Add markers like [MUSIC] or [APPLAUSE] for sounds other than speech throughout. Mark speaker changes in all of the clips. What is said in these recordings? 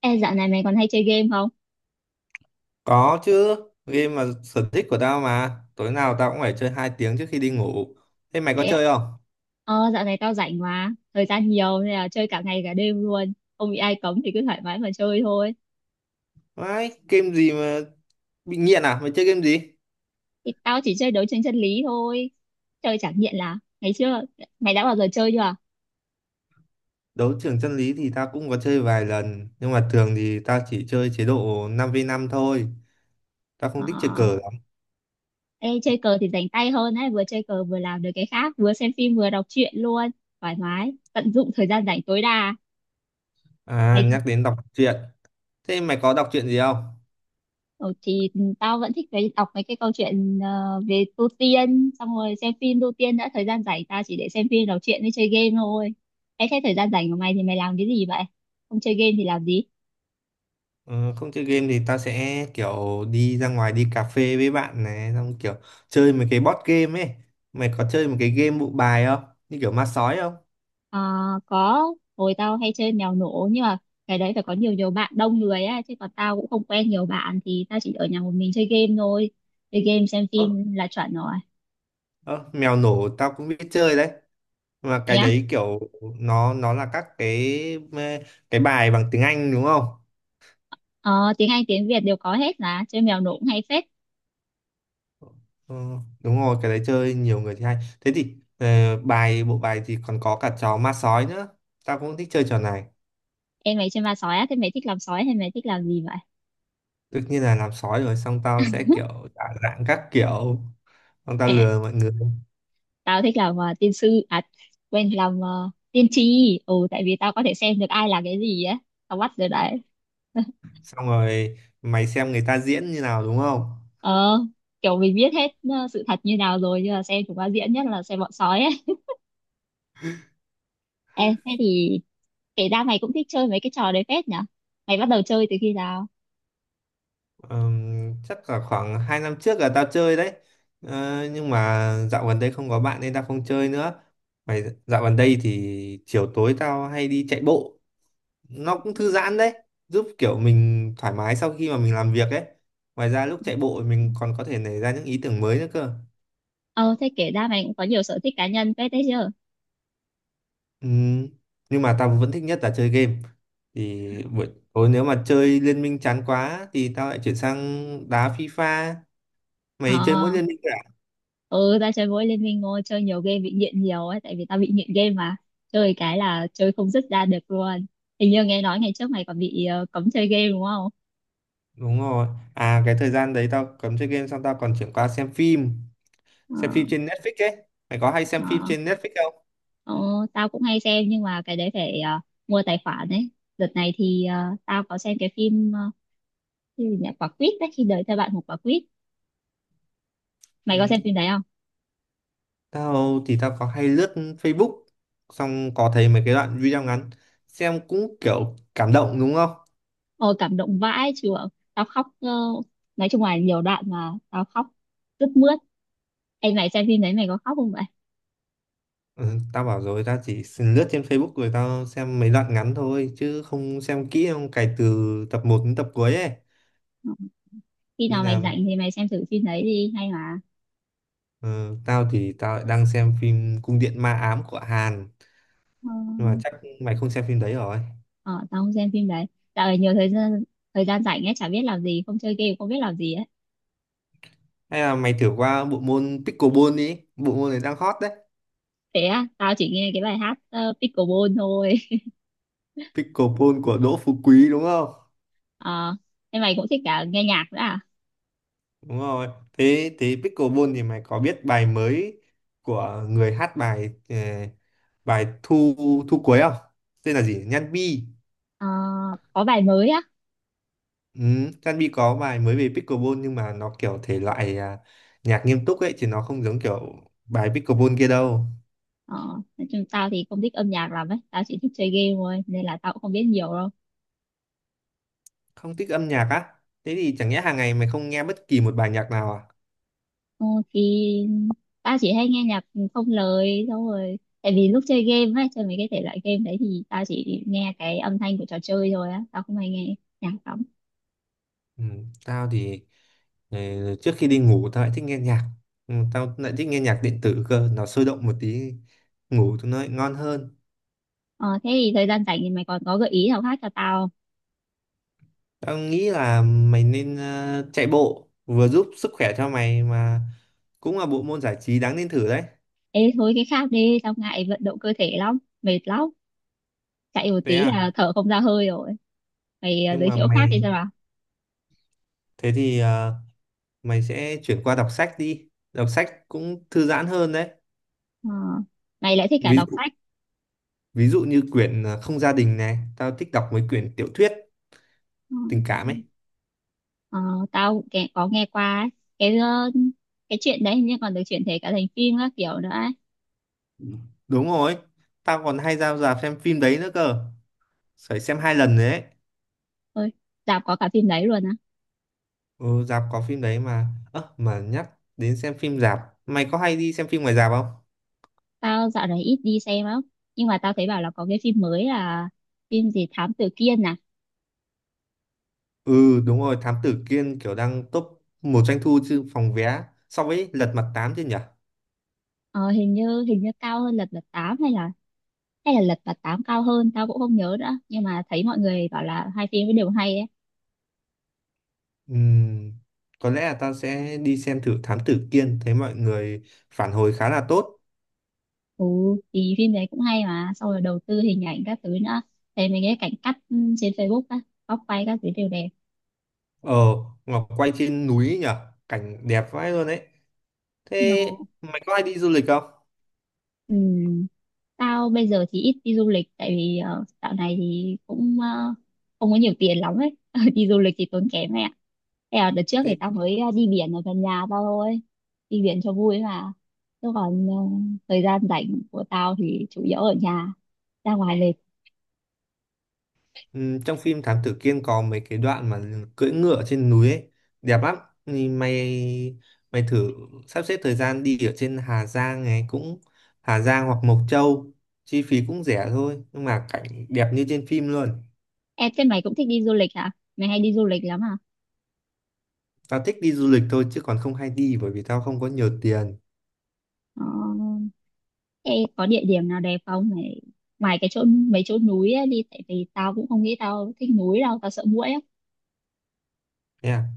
Speaker 1: Ê, dạo này mày còn hay chơi game không?
Speaker 2: Có chứ, game mà sở thích của tao mà. Tối nào tao cũng phải chơi 2 tiếng trước khi đi ngủ. Thế mày có
Speaker 1: Thế ạ.
Speaker 2: chơi không?
Speaker 1: Dạo này tao rảnh mà, thời gian nhiều nên là chơi cả ngày cả đêm luôn. Không bị ai cấm thì cứ thoải mái mà chơi thôi.
Speaker 2: Vãi, game gì mà bị nghiện à? Mày chơi game gì?
Speaker 1: Thì tao chỉ chơi đấu tranh chân lý thôi. Chơi chẳng nghiện là ngày xưa mày đã bao giờ chơi chưa?
Speaker 2: Đấu trường chân lý thì tao cũng có chơi vài lần, nhưng mà thường thì tao chỉ chơi chế độ 5v5 thôi. Tao không
Speaker 1: Ờ,
Speaker 2: thích chơi cờ lắm.
Speaker 1: ê, chơi cờ thì rảnh tay hơn ấy, vừa chơi cờ vừa làm được cái khác, vừa xem phim vừa đọc truyện luôn. Thoải mái, tận dụng thời gian rảnh tối đa.
Speaker 2: À,
Speaker 1: Mày
Speaker 2: nhắc đến đọc truyện. Thế mày có đọc truyện gì không?
Speaker 1: ừ, thì tao vẫn thích cái đọc mấy cái câu chuyện về tu tiên xong rồi xem phim tu tiên đã thời gian rảnh tao chỉ để xem phim đọc truyện với chơi game thôi. Ê, thế thời gian rảnh của mày thì mày làm cái gì vậy, không chơi game thì làm gì?
Speaker 2: Ờ, không chơi game thì tao sẽ kiểu đi ra ngoài đi cà phê với bạn này, xong kiểu chơi mấy cái board game ấy. Mày có chơi một cái game bộ bài không? Như kiểu ma sói không?
Speaker 1: Ờ, có hồi tao hay chơi mèo nổ nhưng mà cái đấy phải có nhiều nhiều bạn đông người á chứ còn tao cũng không quen nhiều bạn thì tao chỉ ở nhà một mình chơi game thôi, chơi game xem
Speaker 2: Ơ,
Speaker 1: phim là chuẩn rồi.
Speaker 2: ơ, mèo nổ tao cũng biết chơi đấy, mà
Speaker 1: Thế
Speaker 2: cái
Speaker 1: á.
Speaker 2: đấy kiểu nó là các cái bài bằng tiếng Anh, đúng không?
Speaker 1: Ờ, tiếng Anh tiếng Việt đều có hết là chơi mèo nổ cũng hay phết.
Speaker 2: Ờ, đúng rồi, cái đấy chơi nhiều người thì hay. Thế thì bài bộ bài thì còn có cả trò ma sói nữa. Tao cũng thích chơi trò này.
Speaker 1: Em mày chơi ma sói á, thế mày thích làm sói hay mày thích làm gì vậy?
Speaker 2: Tất nhiên là làm sói rồi, xong tao sẽ
Speaker 1: [LAUGHS]
Speaker 2: kiểu giả dạng các kiểu, xong tao
Speaker 1: À,
Speaker 2: lừa mọi người.
Speaker 1: tao thích làm tiên sư à, quên, làm tiên tri, ừ tại vì tao có thể xem được ai là cái gì á, tao bắt được đấy. [LAUGHS]
Speaker 2: Xong rồi mày xem người ta diễn như nào, đúng không?
Speaker 1: Ờ, kiểu mình biết hết sự thật như nào rồi nhưng mà xem chúng nó diễn, nhất là xem bọn sói ấy. Ê, thế thì kể ra mày cũng thích chơi mấy cái trò đấy phết nhở, mày bắt đầu chơi từ khi nào?
Speaker 2: Chắc là khoảng 2 năm trước là tao chơi đấy. Nhưng mà dạo gần đây không có bạn nên tao không chơi nữa. Mày dạo gần đây thì chiều tối tao hay đi chạy bộ, nó cũng thư giãn đấy, giúp kiểu mình thoải mái sau khi mà mình làm việc ấy. Ngoài ra lúc chạy bộ mình còn có thể nảy ra những ý tưởng mới nữa cơ.
Speaker 1: Ờ, thế kể ra mày cũng có nhiều sở thích cá nhân phết đấy chứ.
Speaker 2: Ừm, nhưng mà tao vẫn thích nhất là chơi game. Thì buổi tối nếu mà chơi liên minh chán quá thì tao lại chuyển sang đá FIFA.
Speaker 1: Ờ,
Speaker 2: Mày chơi mỗi liên minh à?
Speaker 1: ừ tao chơi mỗi Liên Minh ngôi chơi nhiều game bị nghiện nhiều ấy tại vì tao bị nghiện game mà, chơi cái là chơi không dứt ra được luôn. Hình như nghe nói ngày trước mày còn bị cấm chơi game đúng không?
Speaker 2: Đúng rồi. À, cái thời gian đấy tao cấm chơi game xong tao còn chuyển qua xem phim.
Speaker 1: Ờ,
Speaker 2: Xem phim trên Netflix ấy. Mày có hay xem phim
Speaker 1: ờ,
Speaker 2: trên Netflix không?
Speaker 1: ờ, tao cũng hay xem nhưng mà cái đấy phải mua tài khoản đấy. Đợt này thì tao có xem cái phim cái gì nhỉ quả quýt đấy khi đời theo bạn một quả quýt, mày có
Speaker 2: Ừ.
Speaker 1: xem phim đấy không?
Speaker 2: Tao thì tao có hay lướt Facebook, xong có thấy mấy cái đoạn video ngắn, xem cũng kiểu cảm động, đúng không?
Speaker 1: Ôi cảm động vãi chưởng, tao khóc nói chung là nhiều đoạn mà tao khóc rất mướt. Em mày xem phim đấy mày có khóc không vậy?
Speaker 2: Ừ, tao bảo rồi, tao chỉ xin lướt trên Facebook rồi tao xem mấy đoạn ngắn thôi chứ không xem kỹ, không cày từ tập 1 đến tập cuối ấy.
Speaker 1: Khi
Speaker 2: Nên
Speaker 1: nào mày
Speaker 2: là
Speaker 1: rảnh thì mày xem thử phim đấy đi, hay mà.
Speaker 2: ờ, tao thì tao lại đang xem phim Cung điện ma ám của Hàn.
Speaker 1: Ờ,
Speaker 2: Nhưng mà chắc mày không xem phim đấy rồi.
Speaker 1: ờ, tao không xem phim đấy. Dạo này nhiều thời gian, thời gian rảnh ấy chả biết làm gì, không chơi game không biết làm gì ấy.
Speaker 2: Hay là mày thử qua bộ môn pickleball đi, bộ môn này đang hot đấy.
Speaker 1: Thế á, tao chỉ nghe cái bài hát Pickleball thôi.
Speaker 2: Pickleball của Đỗ Phú Quý đúng không?
Speaker 1: [LAUGHS] Ờ, thế mày cũng thích cả nghe nhạc nữa à?
Speaker 2: Đúng rồi. Thế thế pickleball thì mày có biết bài mới của người hát bài bài thu thu cuối không? Tên là gì? Nhan Bi.
Speaker 1: Ờ, có bài mới á.
Speaker 2: Ừ, Nhan Bi có bài mới về pickleball nhưng mà nó kiểu thể loại à, nhạc nghiêm túc ấy chứ nó không giống kiểu bài pickleball kia đâu.
Speaker 1: ờ, nói chung tao thì không thích âm nhạc lắm ấy, tao chỉ thích chơi game thôi nên là tao cũng không biết nhiều đâu.
Speaker 2: Không thích âm nhạc á? Thế thì chẳng nhẽ hàng ngày mày không nghe bất kỳ một bài nhạc nào à?
Speaker 1: Ờ, thì ba chỉ hay nghe nhạc không lời xong rồi tại vì lúc chơi game ấy chơi mấy cái thể loại game đấy thì tao chỉ nghe cái âm thanh của trò chơi thôi á, tao không hay nghe nhạc lắm.
Speaker 2: Ừ, tao thì ờ, trước khi đi ngủ tao lại thích nghe nhạc. Tao lại thích nghe nhạc điện tử cơ, nó sôi động một tí, ngủ cho nó lại ngon hơn.
Speaker 1: Ờ, thế thì thời gian rảnh thì mày còn có gợi ý nào khác cho tao không?
Speaker 2: Tao nghĩ là mày nên chạy bộ, vừa giúp sức khỏe cho mày mà cũng là bộ môn giải trí đáng nên thử đấy.
Speaker 1: Ê thôi cái khác đi, tao ngại vận động cơ thể lắm, mệt lắm, chạy một
Speaker 2: Thế
Speaker 1: tí
Speaker 2: à?
Speaker 1: là thở không ra hơi rồi. Mày
Speaker 2: Nhưng
Speaker 1: giới
Speaker 2: mà
Speaker 1: thiệu khác đi
Speaker 2: mày
Speaker 1: cho nào.
Speaker 2: thế thì mày sẽ chuyển qua đọc sách đi, đọc sách cũng thư giãn hơn đấy.
Speaker 1: Ờ, mày lại thích cả
Speaker 2: ví
Speaker 1: đọc
Speaker 2: dụ
Speaker 1: sách.
Speaker 2: ví dụ như quyển Không gia đình này, tao thích đọc mấy quyển tiểu thuyết
Speaker 1: Ờ,
Speaker 2: tình cảm ấy.
Speaker 1: ờ, tao cũng có nghe qua ấy. Cái cái chuyện đấy hình như còn được chuyển thể cả thành phim các kiểu nữa ấy.
Speaker 2: Đúng rồi, tao còn hay ra rạp xem phim đấy nữa cơ. Phải xem 2 lần đấy.
Speaker 1: Ôi, dạo có cả phim đấy luôn á.
Speaker 2: Ừ, rạp có phim đấy mà. Ơ, mà nhắc đến xem phim rạp, mày có hay đi xem phim ngoài rạp không?
Speaker 1: Tao dạo này ít đi xem lắm. Nhưng mà tao thấy bảo là có cái phim mới là phim gì Thám Tử Kiên à?
Speaker 2: Ừ, đúng rồi, Thám Tử Kiên kiểu đang top 1 doanh thu chứ phòng vé so với Lật Mặt 8 chứ nhỉ?
Speaker 1: Ờ, hình như cao hơn Lật Mặt 8 hay là Lật Mặt 8 cao hơn, tao cũng không nhớ nữa. Nhưng mà thấy mọi người bảo là hai phim ấy đều hay ấy.
Speaker 2: Ừm, có lẽ là tao sẽ đi xem thử Thám Tử Kiên, thấy mọi người phản hồi khá là tốt.
Speaker 1: Ừ, thì phim đấy cũng hay mà, xong rồi đầu tư hình ảnh các thứ nữa. Thấy mấy cái cảnh cắt ừ, trên Facebook á, góc quay các thứ đều đẹp.
Speaker 2: Ờ, Ngọc quay trên núi nhỉ? Cảnh đẹp vãi luôn đấy. Thế
Speaker 1: No.
Speaker 2: mày có hay đi du lịch không?
Speaker 1: Ừ. Tao bây giờ thì ít đi du lịch tại vì dạo này thì cũng không có nhiều tiền lắm ấy. [LAUGHS] Đi du lịch thì tốn kém mẹ. Thế là đợt trước thì
Speaker 2: Thế.
Speaker 1: tao mới đi biển ở gần nhà tao thôi. Đi biển cho vui mà. Chứ còn thời gian rảnh của tao thì chủ yếu ở nhà, ra ngoài lịch.
Speaker 2: Ừ, trong phim Thám Tử Kiên có mấy cái đoạn mà cưỡi ngựa trên núi ấy, đẹp lắm. Thì mày mày thử sắp xếp thời gian đi ở trên Hà Giang hoặc Mộc Châu, chi phí cũng rẻ thôi, nhưng mà cảnh đẹp như trên phim luôn.
Speaker 1: Em thế mày cũng thích đi du lịch hả? Mày hay đi du lịch lắm à?
Speaker 2: Tao thích đi du lịch thôi chứ còn không hay đi bởi vì tao không có nhiều tiền.
Speaker 1: Ờ, thế có địa điểm nào đẹp không? Mày, ngoài cái chỗ mấy chỗ núi ấy đi tại vì tao cũng không nghĩ tao thích núi đâu, tao sợ muỗi á.
Speaker 2: Nha.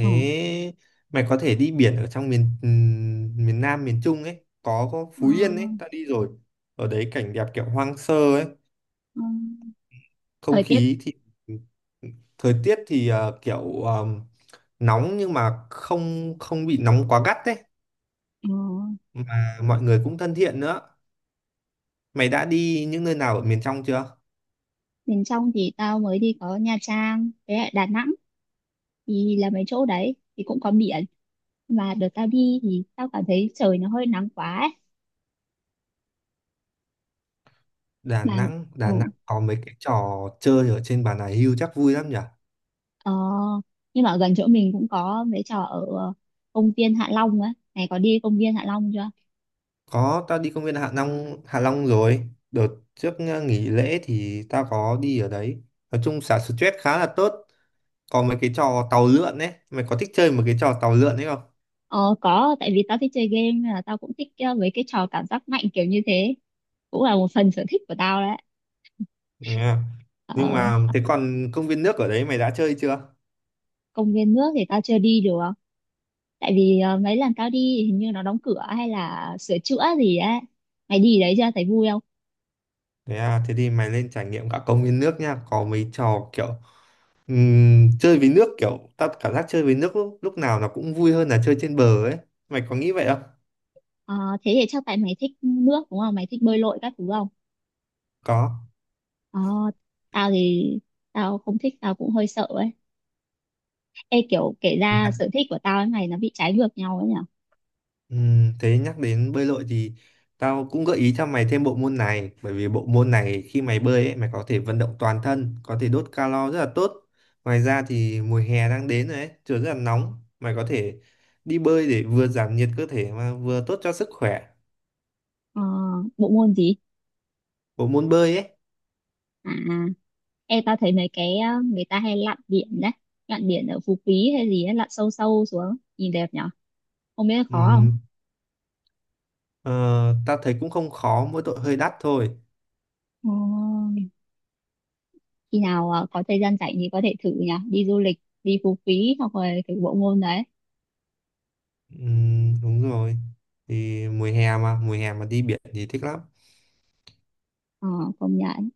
Speaker 1: Ờ.
Speaker 2: mày có thể đi biển ở trong miền miền Nam miền Trung ấy, có
Speaker 1: Ờ.
Speaker 2: Phú Yên ấy, tao đi rồi. Ở đấy cảnh đẹp kiểu hoang sơ ấy.
Speaker 1: Ừ.
Speaker 2: Không
Speaker 1: Thời tiết
Speaker 2: khí thì Thời tiết thì kiểu nóng nhưng mà không không bị nóng quá gắt đấy.
Speaker 1: ờ,
Speaker 2: Mà mọi người cũng thân thiện nữa. Mày đã đi những nơi nào ở miền trong chưa?
Speaker 1: miền trong thì tao mới đi có Nha Trang với lại Đà Nẵng, thì là mấy chỗ đấy thì cũng có biển mà đợt tao đi thì tao cảm thấy trời nó hơi nắng quá ấy.
Speaker 2: Đà
Speaker 1: Mà
Speaker 2: Nẵng
Speaker 1: ừ,
Speaker 2: Đà Nẵng có mấy cái trò chơi ở trên Bà Nà Hưu chắc vui lắm nhỉ.
Speaker 1: ờ, nhưng mà ở gần chỗ mình cũng có mấy trò ở công viên Hạ Long á này, có đi công viên Hạ Long chưa?
Speaker 2: Có, tao đi công viên Hạ Long rồi. Đợt trước nghỉ lễ thì tao có đi ở đấy. Nói chung xả stress khá là tốt. Có mấy cái trò tàu lượn ấy, mày có thích chơi một cái trò tàu lượn ấy không?
Speaker 1: Ờ, có tại vì tao thích chơi game nên là tao cũng thích mấy cái trò cảm giác mạnh kiểu như thế, cũng là một phần sở thích của tao đấy. [LAUGHS]
Speaker 2: Yeah. Nhưng
Speaker 1: Ờ,
Speaker 2: mà thế còn công viên nước ở đấy mày đã chơi chưa?
Speaker 1: công viên nước thì tao chưa đi được tại vì mấy lần tao đi thì hình như nó đóng cửa hay là sửa chữa gì á, mày đi đấy chưa thấy vui không?
Speaker 2: Thế à? Thế thì mày nên trải nghiệm cả công viên nước nha. Có mấy trò kiểu chơi với nước, kiểu tao cảm giác chơi với nước lúc nào nó cũng vui hơn là chơi trên bờ ấy. Mày có nghĩ vậy không?
Speaker 1: Ờ, thế thì chắc tại mày thích nước đúng không, mày thích bơi lội các thứ không?
Speaker 2: Có.
Speaker 1: Ờ, tao thì tao không thích, tao cũng hơi sợ ấy. Ê kiểu kể ra sở thích của tao với mày nó bị trái ngược nhau ấy nhở.
Speaker 2: Thế nhắc đến bơi lội thì tao cũng gợi ý cho mày thêm bộ môn này, bởi vì bộ môn này khi mày bơi ấy, mày có thể vận động toàn thân, có thể đốt calo rất là tốt. Ngoài ra thì mùa hè đang đến rồi ấy, trời rất là nóng, mày có thể đi bơi để vừa giảm nhiệt cơ thể mà vừa tốt cho sức khỏe.
Speaker 1: Ờ, bộ môn gì?
Speaker 2: Bộ môn bơi ấy.
Speaker 1: À ê tao thấy mấy cái người ta hay lặn biển đấy, lặn biển ở Phú Quý hay gì ấy, lặn sâu sâu xuống nhìn đẹp nhở, không biết là khó không?
Speaker 2: ừm, ờ, Tao thấy cũng không khó, mỗi tội hơi đắt thôi.
Speaker 1: Ờ, khi nào có thời gian rảnh thì có thể thử nhỉ, đi du lịch đi Phú Quý hoặc là cái bộ môn đấy.
Speaker 2: Đúng rồi, thì mùa hè mà đi biển thì thích lắm.
Speaker 1: Ờ, công nhận.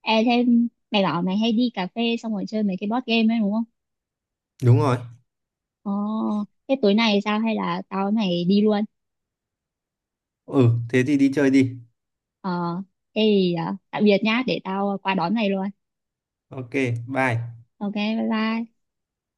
Speaker 1: E thêm mày bảo mày hay đi cà phê xong rồi chơi mấy cái board game ấy đúng không?
Speaker 2: Đúng rồi.
Speaker 1: Ờ, thế tối nay sao hay là tao với mày đi luôn?
Speaker 2: Ừ, thế thì đi chơi đi.
Speaker 1: Ờ thế thì tạm biệt nhá, để tao qua đón mày luôn.
Speaker 2: Ok, bye.
Speaker 1: OK bye bye.